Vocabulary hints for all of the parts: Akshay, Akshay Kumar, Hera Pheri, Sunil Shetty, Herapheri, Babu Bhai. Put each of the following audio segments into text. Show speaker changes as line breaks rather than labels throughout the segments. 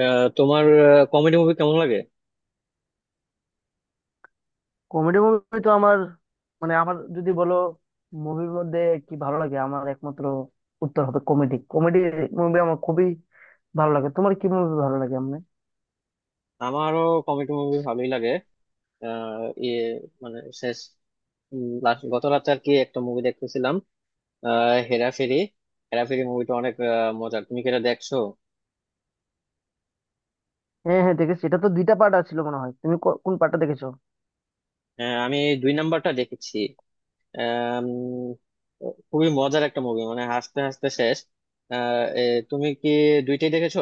তোমার comedy movie কেমন লাগে?
কমেডি মুভি তো আমার, মানে আমার যদি বলো মুভির মধ্যে কি ভালো লাগে, আমার একমাত্র উত্তর হবে কমেডি। কমেডি মুভি আমার খুবই ভালো লাগে। তোমার কি মুভি ভালো লাগে এমনি?
আমারও কমেডি মুভি ভালোই লাগে। আহ, ইয়ে মানে শেষ, গত রাতে আর কি একটা মুভি দেখতেছিলাম, হেরাফেরি। হেরাফেরি মুভিটা অনেক মজার। তুমি কি এটা দেখছো?
হ্যাঁ, হ্যাঁ, দেখেছি। এটা তো দুইটা পার্ট আছিল মনে হয়। তুমি কোন পার্টটা দেখেছো?
হ্যাঁ, আমি এই দুই নাম্বারটা দেখেছি। আম, খুবই মজার একটা মুভি, মানে হাসতে হাসতে শেষ। আহ, এ, তুমি কি দুইটাই দেখেছো?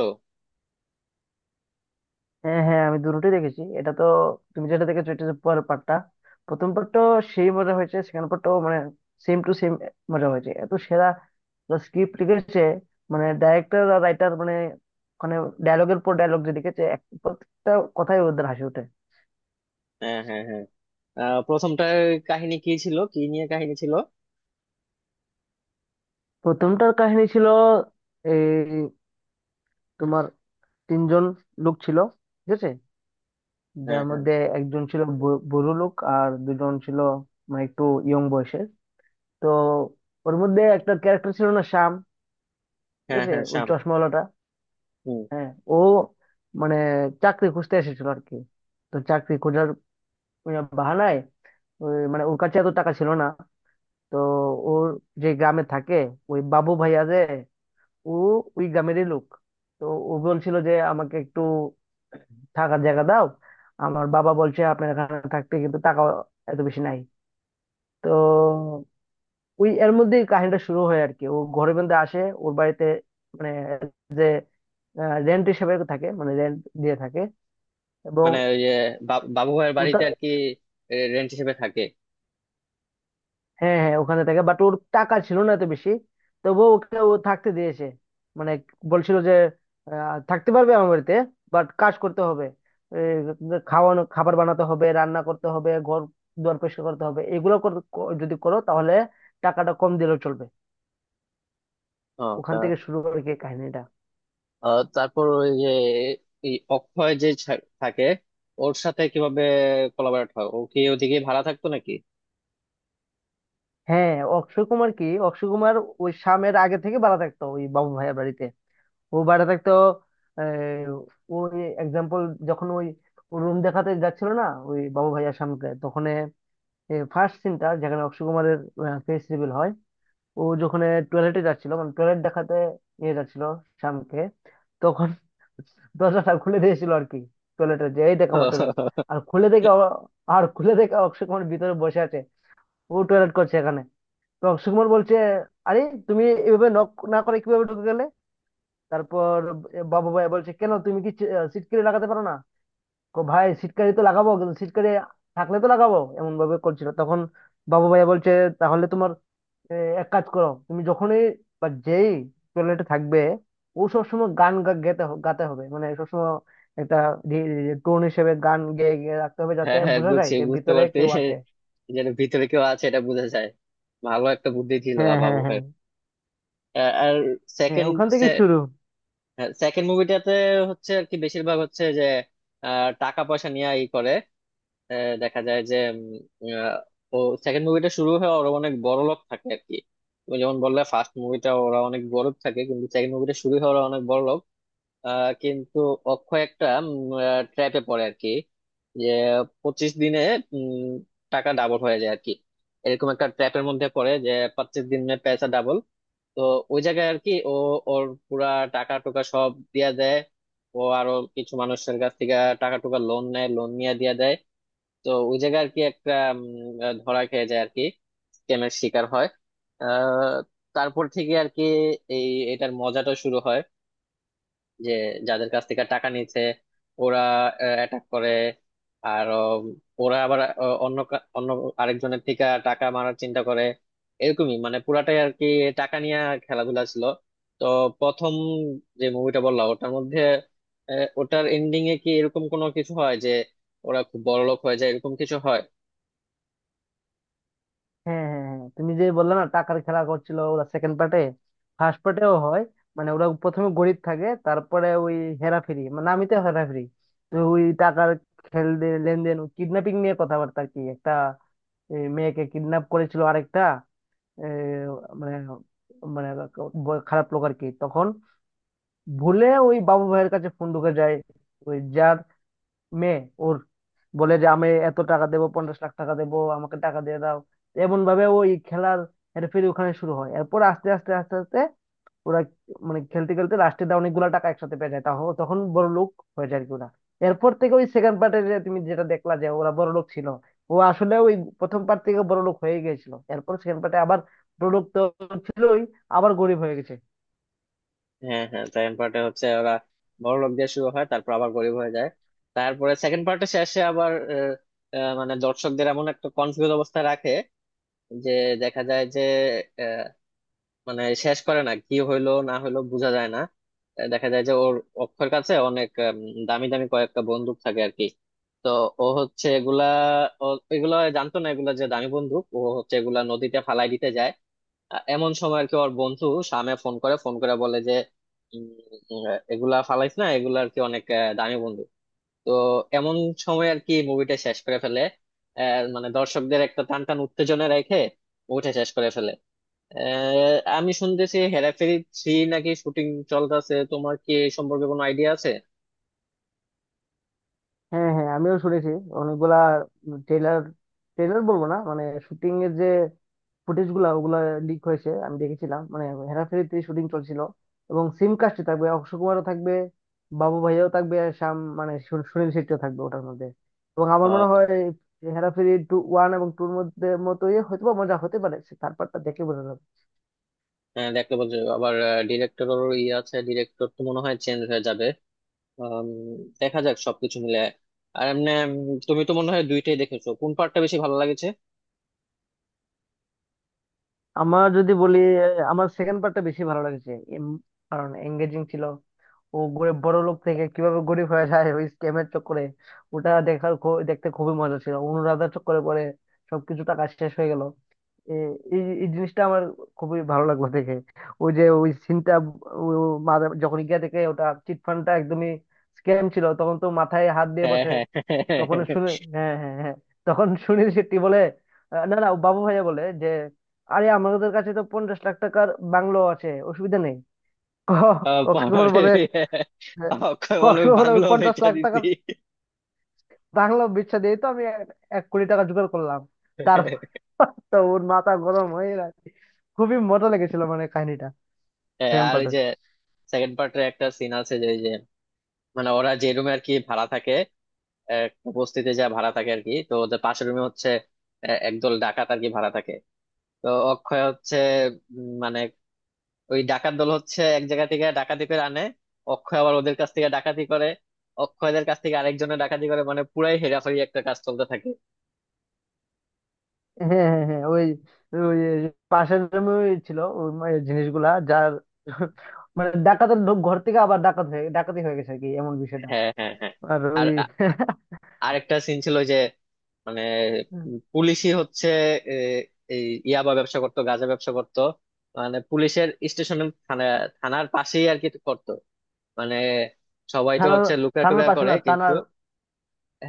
হ্যাঁ, হ্যাঁ, আমি দুটোই দেখেছি। এটা তো, তুমি যেটা দেখেছো এটা হচ্ছে পরের পার্টটা। প্রথম পার্টটাও সেই মজা হয়েছে, সেকেন্ড পার্টটাও মানে সেম টু সেম মজা হয়েছে। এত সেরা স্ক্রিপ্ট লিখেছে, মানে ডাইরেক্টর আর রাইটার, মানে ওখানে ডায়লগের পর ডায়লগ যে লিখেছে, প্রত্যেকটা কথাই ওদের হাসি ওঠে।
হ্যাঁ, হ্যাঁ, হ্যাঁ। প্রথমটার কাহিনী কি ছিল? কি নিয়ে কাহিনী ছিল?
প্রথমটার কাহিনী ছিল এই, তোমার তিনজন লোক ছিল, ঠিক আছে।
হ্যাঁ,
যার
হ্যাঁ,
মধ্যে একজন ছিল বুড়ো লোক, আর দুজন ছিল মানে একটু ইয়ং বয়সের। তো ওর মধ্যে একটা ক্যারেক্টার ছিল না, শ্যাম, ঠিক
হ্যাঁ,
আছে,
হ্যাঁ,
ওই
শ্যাম।
চশমাওয়ালাটা। হ্যাঁ, ও মানে চাকরি খুঁজতে এসেছিল আর কি। তো চাকরি খোঁজার বাহানায় ওই, মানে ওর কাছে এত টাকা ছিল না। তো ওর যে গ্রামে থাকে ওই বাবু ভাইয়া, যে ও ওই গ্রামেরই লোক। তো ও বলছিল যে আমাকে একটু থাকার জায়গা দাও, আমার বাবা বলছে আপনার এখানে থাকতে, কিন্তু টাকা এত বেশি নাই। তো ওই এর মধ্যেই কাহিনীটা শুরু হয় আর কি, ও ঘরে বন্দে আসে ওর বাড়িতে, মানে যে রেন্ট হিসেবে থাকে, মানে রেন্ট দিয়ে থাকে। এবং
মানে ওই যে বাবু ভাইয়ের
ও
বাড়িতে
তা-
আর কি রেন্ট হিসেবে থাকে।
হ্যাঁ, হ্যাঁ, ওখানে থাকে, বাট ওর টাকা ছিল না এত বেশি। তবুও ওকে ও থাকতে দিয়েছে, মানে বলছিল যে থাকতে পারবে আমার বাড়িতে, বাট কাজ করতে হবে। এই, খাওয়ানো, খাবার বানাতে হবে, রান্না করতে হবে, ঘর দুয়ার পরিষ্কার করতে হবে, এগুলো যদি করো তাহলে টাকাটা কম দিলেও চলবে।
ও
ওখান
তা
থেকে শুরু করে কি কাহিনীটা।
তারপর ওই যে এই অক্ষয় যে থাকে, ওর সাথে কিভাবে কোলাবরেট হয়? ও কি ওদিকে ভাড়া থাকতো নাকি?
হ্যাঁ, অক্ষয় কুমার, কি অক্ষয় কুমার ওই শামের আগে থেকে ভাড়া থাকতো ওই বাবু ভাইয়ের বাড়িতে। ও ভাড়া থাকতো। আহ, ওই এক্সাম্পল, যখন ওই রুম দেখাতে যাচ্ছিল না ওই বাবু ভাইয়ার সামনে, তখন ফার্স্ট সিনটা যেখানে অক্ষয় কুমারের ফেস রিভিল হয়। ও যখন টয়লেটে যাচ্ছিল, মানে টয়লেট দেখাতে নিয়ে যাচ্ছিল শ্যামকে, তখন দরজাটা খুলে দিয়েছিল আর কি টয়লেটের, যে এই দেখ আমার টয়লেট। আর খুলে দেখে ও- আর খুলে দেখে অক্ষয় কুমার ভিতরে বসে আছে, ও টয়লেট করছে এখানে। তো অক্ষয় কুমার বলছে, আরে তুমি এভাবে নক না করে কিভাবে ঢুকে গেলে? তারপর বাবু ভাই বলছে, কেন, তুমি কি সিটকারি লাগাতে পারো না? কো ভাই, সিটকারি তো লাগাবো, কিন্তু সিটকারি থাকলে তো লাগাবো, এমন ভাবে করছিল তখন। বাবু ভাই বলছে, তাহলে তোমার এক কাজ করো, তুমি যখনই বা যেই টয়লেটে থাকবে, ও সবসময় গান গাতে হবে, মানে সবসময় একটা টোন হিসেবে গান গেয়ে গেয়ে রাখতে হবে যাতে
হ্যাঁ, হ্যাঁ,
বোঝা যায়
বুঝছি,
যে
বুঝতে
ভিতরে
পারছি।
কেউ আছে।
যেটা ভিতরে কেউ আছে, এটা বোঝা যায়। ভালো একটা বুদ্ধি ছিল
হ্যাঁ,
বাবু
হ্যাঁ, হ্যাঁ,
ভাইয়ের। আর
হ্যাঁ,
সেকেন্ড
ওখান থেকে শুরু।
সেকেন্ড মুভিটাতে হচ্ছে আর কি, বেশিরভাগ হচ্ছে যে টাকা পয়সা নিয়ে ই করে। দেখা যায় যে উম, আহ, ও সেকেন্ড মুভিটা শুরু হয়ে ওরা অনেক বড় লোক থাকে আর কি। তুমি যেমন বললে, ফার্স্ট মুভিটা ওরা অনেক গরিব থাকে, কিন্তু সেকেন্ড মুভিটা শুরু হয়ে ওরা অনেক বড় লোক। কিন্তু অক্ষয় একটা ট্র্যাপে পড়ে আর কি, যে 25 দিনে উম, টাকা ডাবল হয়ে যায় আর কি। এরকম একটা ট্র্যাপের মধ্যে পড়ে যে 25 দিনে পয়সা ডাবল। তো ওই জায়গায় আর কি ও ওর পুরা টাকা টুকা সব দিয়া দেয়। ও আরো কিছু মানুষের কাছ থেকে টাকা টুকা লোন নেয়, লোন নিয়ে দিয়া দেয়। তো ওই জায়গায় আর কি একটা ধরা খেয়ে যায় আর কি, স্ক্যামের শিকার হয়। আহ, তারপর থেকে আর কি এই এটার মজাটা শুরু হয়, যে যাদের কাছ থেকে টাকা নিচ্ছে ওরা অ্যাটাক করে। আর ওরা আবার অন্য আরেকজনের থেকে টাকা মারার চিন্তা করে। এরকমই, মানে পুরাটাই আর কি টাকা নিয়ে খেলাধুলা ছিল। তো প্রথম যে মুভিটা বললাম ওটার মধ্যে ওটার এন্ডিং এ কি এরকম কোনো কিছু হয় যে ওরা খুব বড়লোক হয়ে যায়? এরকম কিছু হয়?
হ্যাঁ, হ্যাঁ, হ্যাঁ, তুমি যে বললে না টাকার খেলা করছিল ওরা সেকেন্ড পার্টে, ফার্স্ট পার্টেও হয়। মানে ওরা প্রথমে গরিব থাকে, তারপরে ওই হেরাফেরি, মানে নামই তো হেরাফেরি। তো ওই টাকার লেনদেন, কিডন্যাপিং নিয়ে কথাবার্তা আর কি। একটা মেয়েকে কিডন্যাপ করেছিল আরেকটা এ, মানে, মানে খারাপ লোক আর কি। তখন ভুলে ওই বাবু ভাইয়ের কাছে ফোন ঢুকে যায়, ওই যার মেয়ে, ওর বলে যে আমি এত টাকা দেবো, 50 লাখ টাকা দেবো, আমাকে টাকা দিয়ে দাও। এমন ভাবে ওই খেলার হেরফেরি ওখানে শুরু হয়। এরপর আস্তে আস্তে আস্তে আস্তে ওরা, মানে খেলতে খেলতে লাস্টে অনেকগুলা টাকা একসাথে পেয়ে যায়, তখন বড় লোক হয়ে যায় আর কি ওরা। এরপর থেকে ওই সেকেন্ড পার্টে যে তুমি যেটা দেখলা যে ওরা বড় লোক ছিল, ও আসলে ওই প্রথম পার্ট থেকে বড় লোক হয়ে গেছিল। এরপর সেকেন্ড পার্টে আবার, বড় লোক তো ছিলই, আবার গরিব হয়ে গেছে।
হ্যাঁ, হ্যাঁ, সেকেন্ড পার্টে হচ্ছে ওরা বড় লোক দিয়ে শুরু হয়, তারপর আবার গরিব হয়ে যায়। তারপরে সেকেন্ড পার্টে শেষে আবার আহ, আহ, মানে দর্শকদের এমন একটা কনফিউজ অবস্থায় রাখে যে দেখা যায় যে আহ, মানে শেষ করে না, কি হইলো না হইলো বোঝা যায় না। দেখা যায় যে ওর অক্ষর কাছে অনেক দামি দামি কয়েকটা বন্দুক থাকে আর কি। তো ও হচ্ছে এগুলা এগুলা জানতো না এগুলা যে দামি বন্দুক। ও হচ্ছে এগুলা নদীতে ফালাই দিতে যায়, এমন সময় আর কি ওর বন্ধু সামে ফোন করে। বলে যে উম, এগুলা ফালাইস না, এগুলা আর কি অনেক দামি বন্ধু। তো এমন সময় আর কি মুভিটা শেষ করে ফেলে। মানে দর্শকদের একটা টান টান উত্তেজনা রেখে মুভিটা শেষ করে ফেলে। আমি শুনতেছি হেরাফেরি থ্রি নাকি শুটিং চলতেছে। তোমার কি এই সম্পর্কে কোনো আইডিয়া আছে?
হ্যাঁ, হ্যাঁ, আমিও শুনেছি। অনেকগুলা ট্রেলার, ট্রেলার বলবো না, মানে শুটিং এর যে ফুটেজ গুলা ওগুলা লিক হয়েছে, আমি দেখেছিলাম, মানে হেরাফেরিতে শুটিং চলছিল। এবং সিম কাস্টে থাকবে, অক্ষয় কুমারও থাকবে, বাবু ভাইয়াও থাকবে, আর শ্যাম মানে সুনীল শেট্টিও থাকবে ওটার মধ্যে। এবং আমার মনে
আহ,
হয় হেরাফেরি টু, ওয়ান এবং টুর মধ্যে মতোই হয়তো বা মজা হতে পারে, থার্ড পার্টটা দেখে বোঝা যাবে।
হ্যাঁ, দেখতে বলছো আবার। ডিরেক্টরও ই আছে, ডিরেক্টর তো মনে হয় চেঞ্জ হয়ে যাবে। আম, দেখা যাক সবকিছু মিলে। আর এমনি তুমি তো মনে হয় দুইটাই দেখেছো, কোন পার্টটা বেশি ভালো লাগেছে?
আমার যদি বলি, আমার সেকেন্ড পার্টটা বেশি ভালো লেগেছে। এম- কারণ এঙ্গেজিং ছিল। ও গরিব, বড় লোক থেকে কিভাবে গরিব হয়ে যায় ওই স্ক্যামের চক্করে, ওটা দেখতে খুবই মজা ছিল। অনুরাধার চক্করে পরে সবকিছু, টাকা শেষ হয়ে গেল। এই এই এই জিনিসটা আমার খুবই ভালো লাগলো দেখে, ওই যে ওই সিনটা যখন গিয়ে দেখে ওটা চিট ফান্ডটা একদমই স্ক্যাম ছিল, তখন তো মাথায় হাত দিয়ে
হ্যাঁ,
বসে।
হ্যাঁ,
তখন শুনে, হ্যাঁ, হ্যাঁ, হ্যাঁ, তখন সুনীল শেট্টি বলে, না, না, বাবু ভাইয়া বলে যে, আরে আমাদের কাছে তো 50 লাখ টাকার বাংলো আছে, অসুবিধা নেই। অক্ষয় কুমার
পাহাড়ে।
বলে, হ্যাঁ,
অক্ষয় বলে,
কষ্ট
"ওই
হলে ওই
বাংলো
পঞ্চাশ
বেচা
লাখ টাকা
দিছি।"
রাখলো বিচ্ছা দিয়ে, তো আমি এক এক কোটি টাকা জোগাড় করলাম। তারপর তো ওর মাথা গরম হয়ে গেছে। খুবই মজা লেগেছিল, মানে কাহিনীটা
হ্যাঁ,
সেকেন্ড
আর ওই
পার্টের।
যে সেকেন্ড পার্টের একটা সিন আছে, যে ওই যে মানে ওরা যে রুমে আর কি ভাড়া থাকে, একটা বস্তিতে যা ভাড়া থাকে আর কি, তো ওদের পাশের রুমে হচ্ছে একদল ডাকাত আর কি ভাড়া থাকে। তো অক্ষয় হচ্ছে মানে ওই ডাকাত দল হচ্ছে এক জায়গা থেকে ডাকাতি করে আনে, অক্ষয় আবার ওদের কাছ থেকে ডাকাতি করে, অক্ষয়দের কাছ থেকে আরেকজনের ডাকাতি করে, মানে পুরাই হেরাফেরি একটা কাজ চলতে থাকে।
হ্যাঁ, হ্যাঁ, হ্যাঁ, ওই ওই পাশের room এ ওই ছিল ওই এই জিনিসগুলা যার। মানে ডাকাতের ঢোক ঘর থেকে আবার ডাকাত হয়ে ডাকাতি হয়ে গেছে আর কি, এমন বিষয়টা।
হ্যাঁ, হ্যাঁ, হ্যাঁ।
আর
আর
ওই
আরেকটা সিন ছিল যে মানে পুলিশই হচ্ছে এ, এই ইয়াবা ব্যবসা করতো, গাঁজা ব্যবসা করতো, মানে পুলিশের স্টেশনের থানার পাশেই আর কি করতো। মানে সবাই তো
থানার,
হচ্ছে লুকা
থানার
টুকা
পাশে
করে,
না,
কিন্তু
থানার,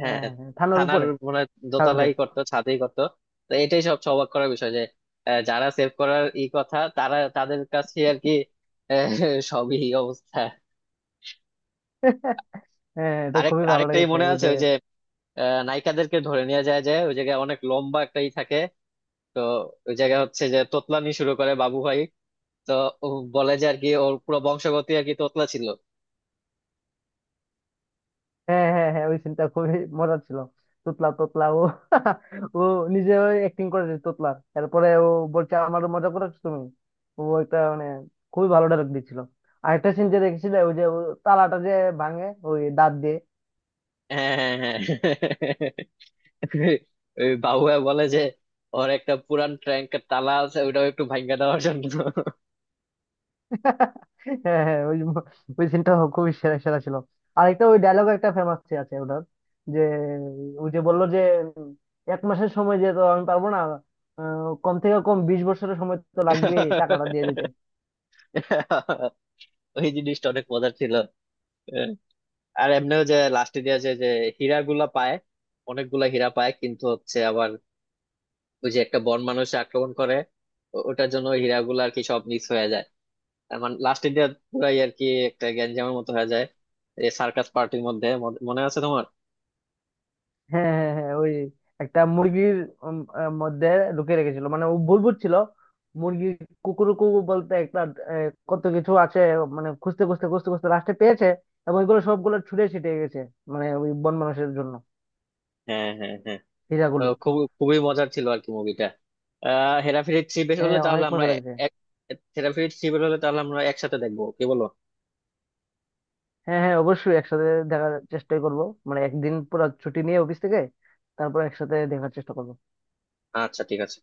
হ্যাঁ,
হ্যাঁ, হ্যাঁ, থানার
থানার
উপরে,
মানে
থানাতে
দোতলাই করতো, ছাদেই করতো। তো এটাই সব অবাক করার বিষয় যে যারা সেভ করার ই কথা তারা, তাদের কাছে আর কি আহ, সবই এই অবস্থা।
হ্যাঁ, হ্যাঁ, এটা খুবই ভালো
আরেকটাই
লেগেছে
মনে
ওই
আছে,
যে।
ওই যে নায়িকাদেরকে ধরে নিয়ে যায় যে ওই জায়গায় অনেক লম্বা একটাই থাকে। তো ওই জায়গায় হচ্ছে যে তোতলানি শুরু করে বাবু ভাই। তো ও বলে যে আর কি ওর পুরো বংশগতি আর কি তোতলা ছিল।
হ্যাঁ, হ্যাঁ, হ্যাঁ, ওই সিনটা খুবই মজার ছিল। তোতলা, তোতলা, ও ও নিজে ওই অ্যাক্টিং করেছে তোতলা। তারপরে ও বলছে, আমারও মজা করেছো তুমি। ও একটা মানে খুবই ভালো ডায়লগ দিচ্ছিল। আরেকটা সিন যে দেখেছিল, ওই যে ও তালাটা যে ভাঙে ওই দাঁত দিয়ে।
হ্যাঁ, হ্যাঁ, হ্যাঁ। ওই বাবুয়া বলে যে ওর একটা পুরান ট্যাঙ্কের তালা আছে, ওইটাও একটু ভাঙা দেওয়ার জন্য।
হ্যাঁ, হ্যাঁ, ওই ওই সিনটা খুবই সেরা সেরা ছিল। আরেকটা ওই ডায়লগ একটা ফেমাস আছে ওটার, যে ওই যে বললো যে, উম, এক মাসের সময় যে তো আমি পারবো না, কম থেকে কম 20 বছরের সময় তো লাগবে টাকাটা দিয়ে দিতে।
ওই জিনিসটা অনেক মজার ছিল। আর এমনিও যে লাস্টে দিয়ে যে যে হীরা গুলা পায়, অনেকগুলা হীরা পায়, কিন্তু হচ্ছে আবার ওই যে একটা বন মানুষ আক্রমণ করে, ওটার জন্য ওই হীরা গুলা আর কি সব মিস হয়ে যায়। তার মানে লাস্টে দিয়ে পুরাই আর কি একটা গ্যাঞ্জামের মতো হয়ে যায়। এই সার্কাস পার্টির মধ্যে মনে মনে আছে তোমার?
হ্যাঁ, হ্যাঁ, হ্যাঁ, হ্যাঁ, ওই একটা মুরগির মধ্যে ঢুকিয়ে রেখেছিল, মানে ও ভুল বুঝছিল মুরগি কুকুরকু বলতে, একটা কত কিছু আছে। মানে খুঁজতে খুঁজতে খুঁজতে খুঁজতে লাস্টে পেয়েছে, এবং ওইগুলো সবগুলো ছুটে ছিটে গেছে মানে ওই বন মানুষের জন্য,
হ্যাঁ, হ্যাঁ, হ্যাঁ।
হীরাগুলো।
খুবই মজার ছিল আর কি মুভিটা। হেরাফেরি থ্রি বের
হ্যাঁ,
হলে তাহলে
অনেক
আমরা
মজা লাগছে।
এক হেরাফেরি থ্রি বের হলে তাহলে আমরা একসাথে দেখবো, কি বলো?
হ্যাঁ, হ্যাঁ, অবশ্যই একসাথে দেখার চেষ্টাই করব, মানে একদিন পুরো ছুটি নিয়ে অফিস থেকে তারপর একসাথে দেখার চেষ্টা করব।
আচ্ছা, ঠিক আছে।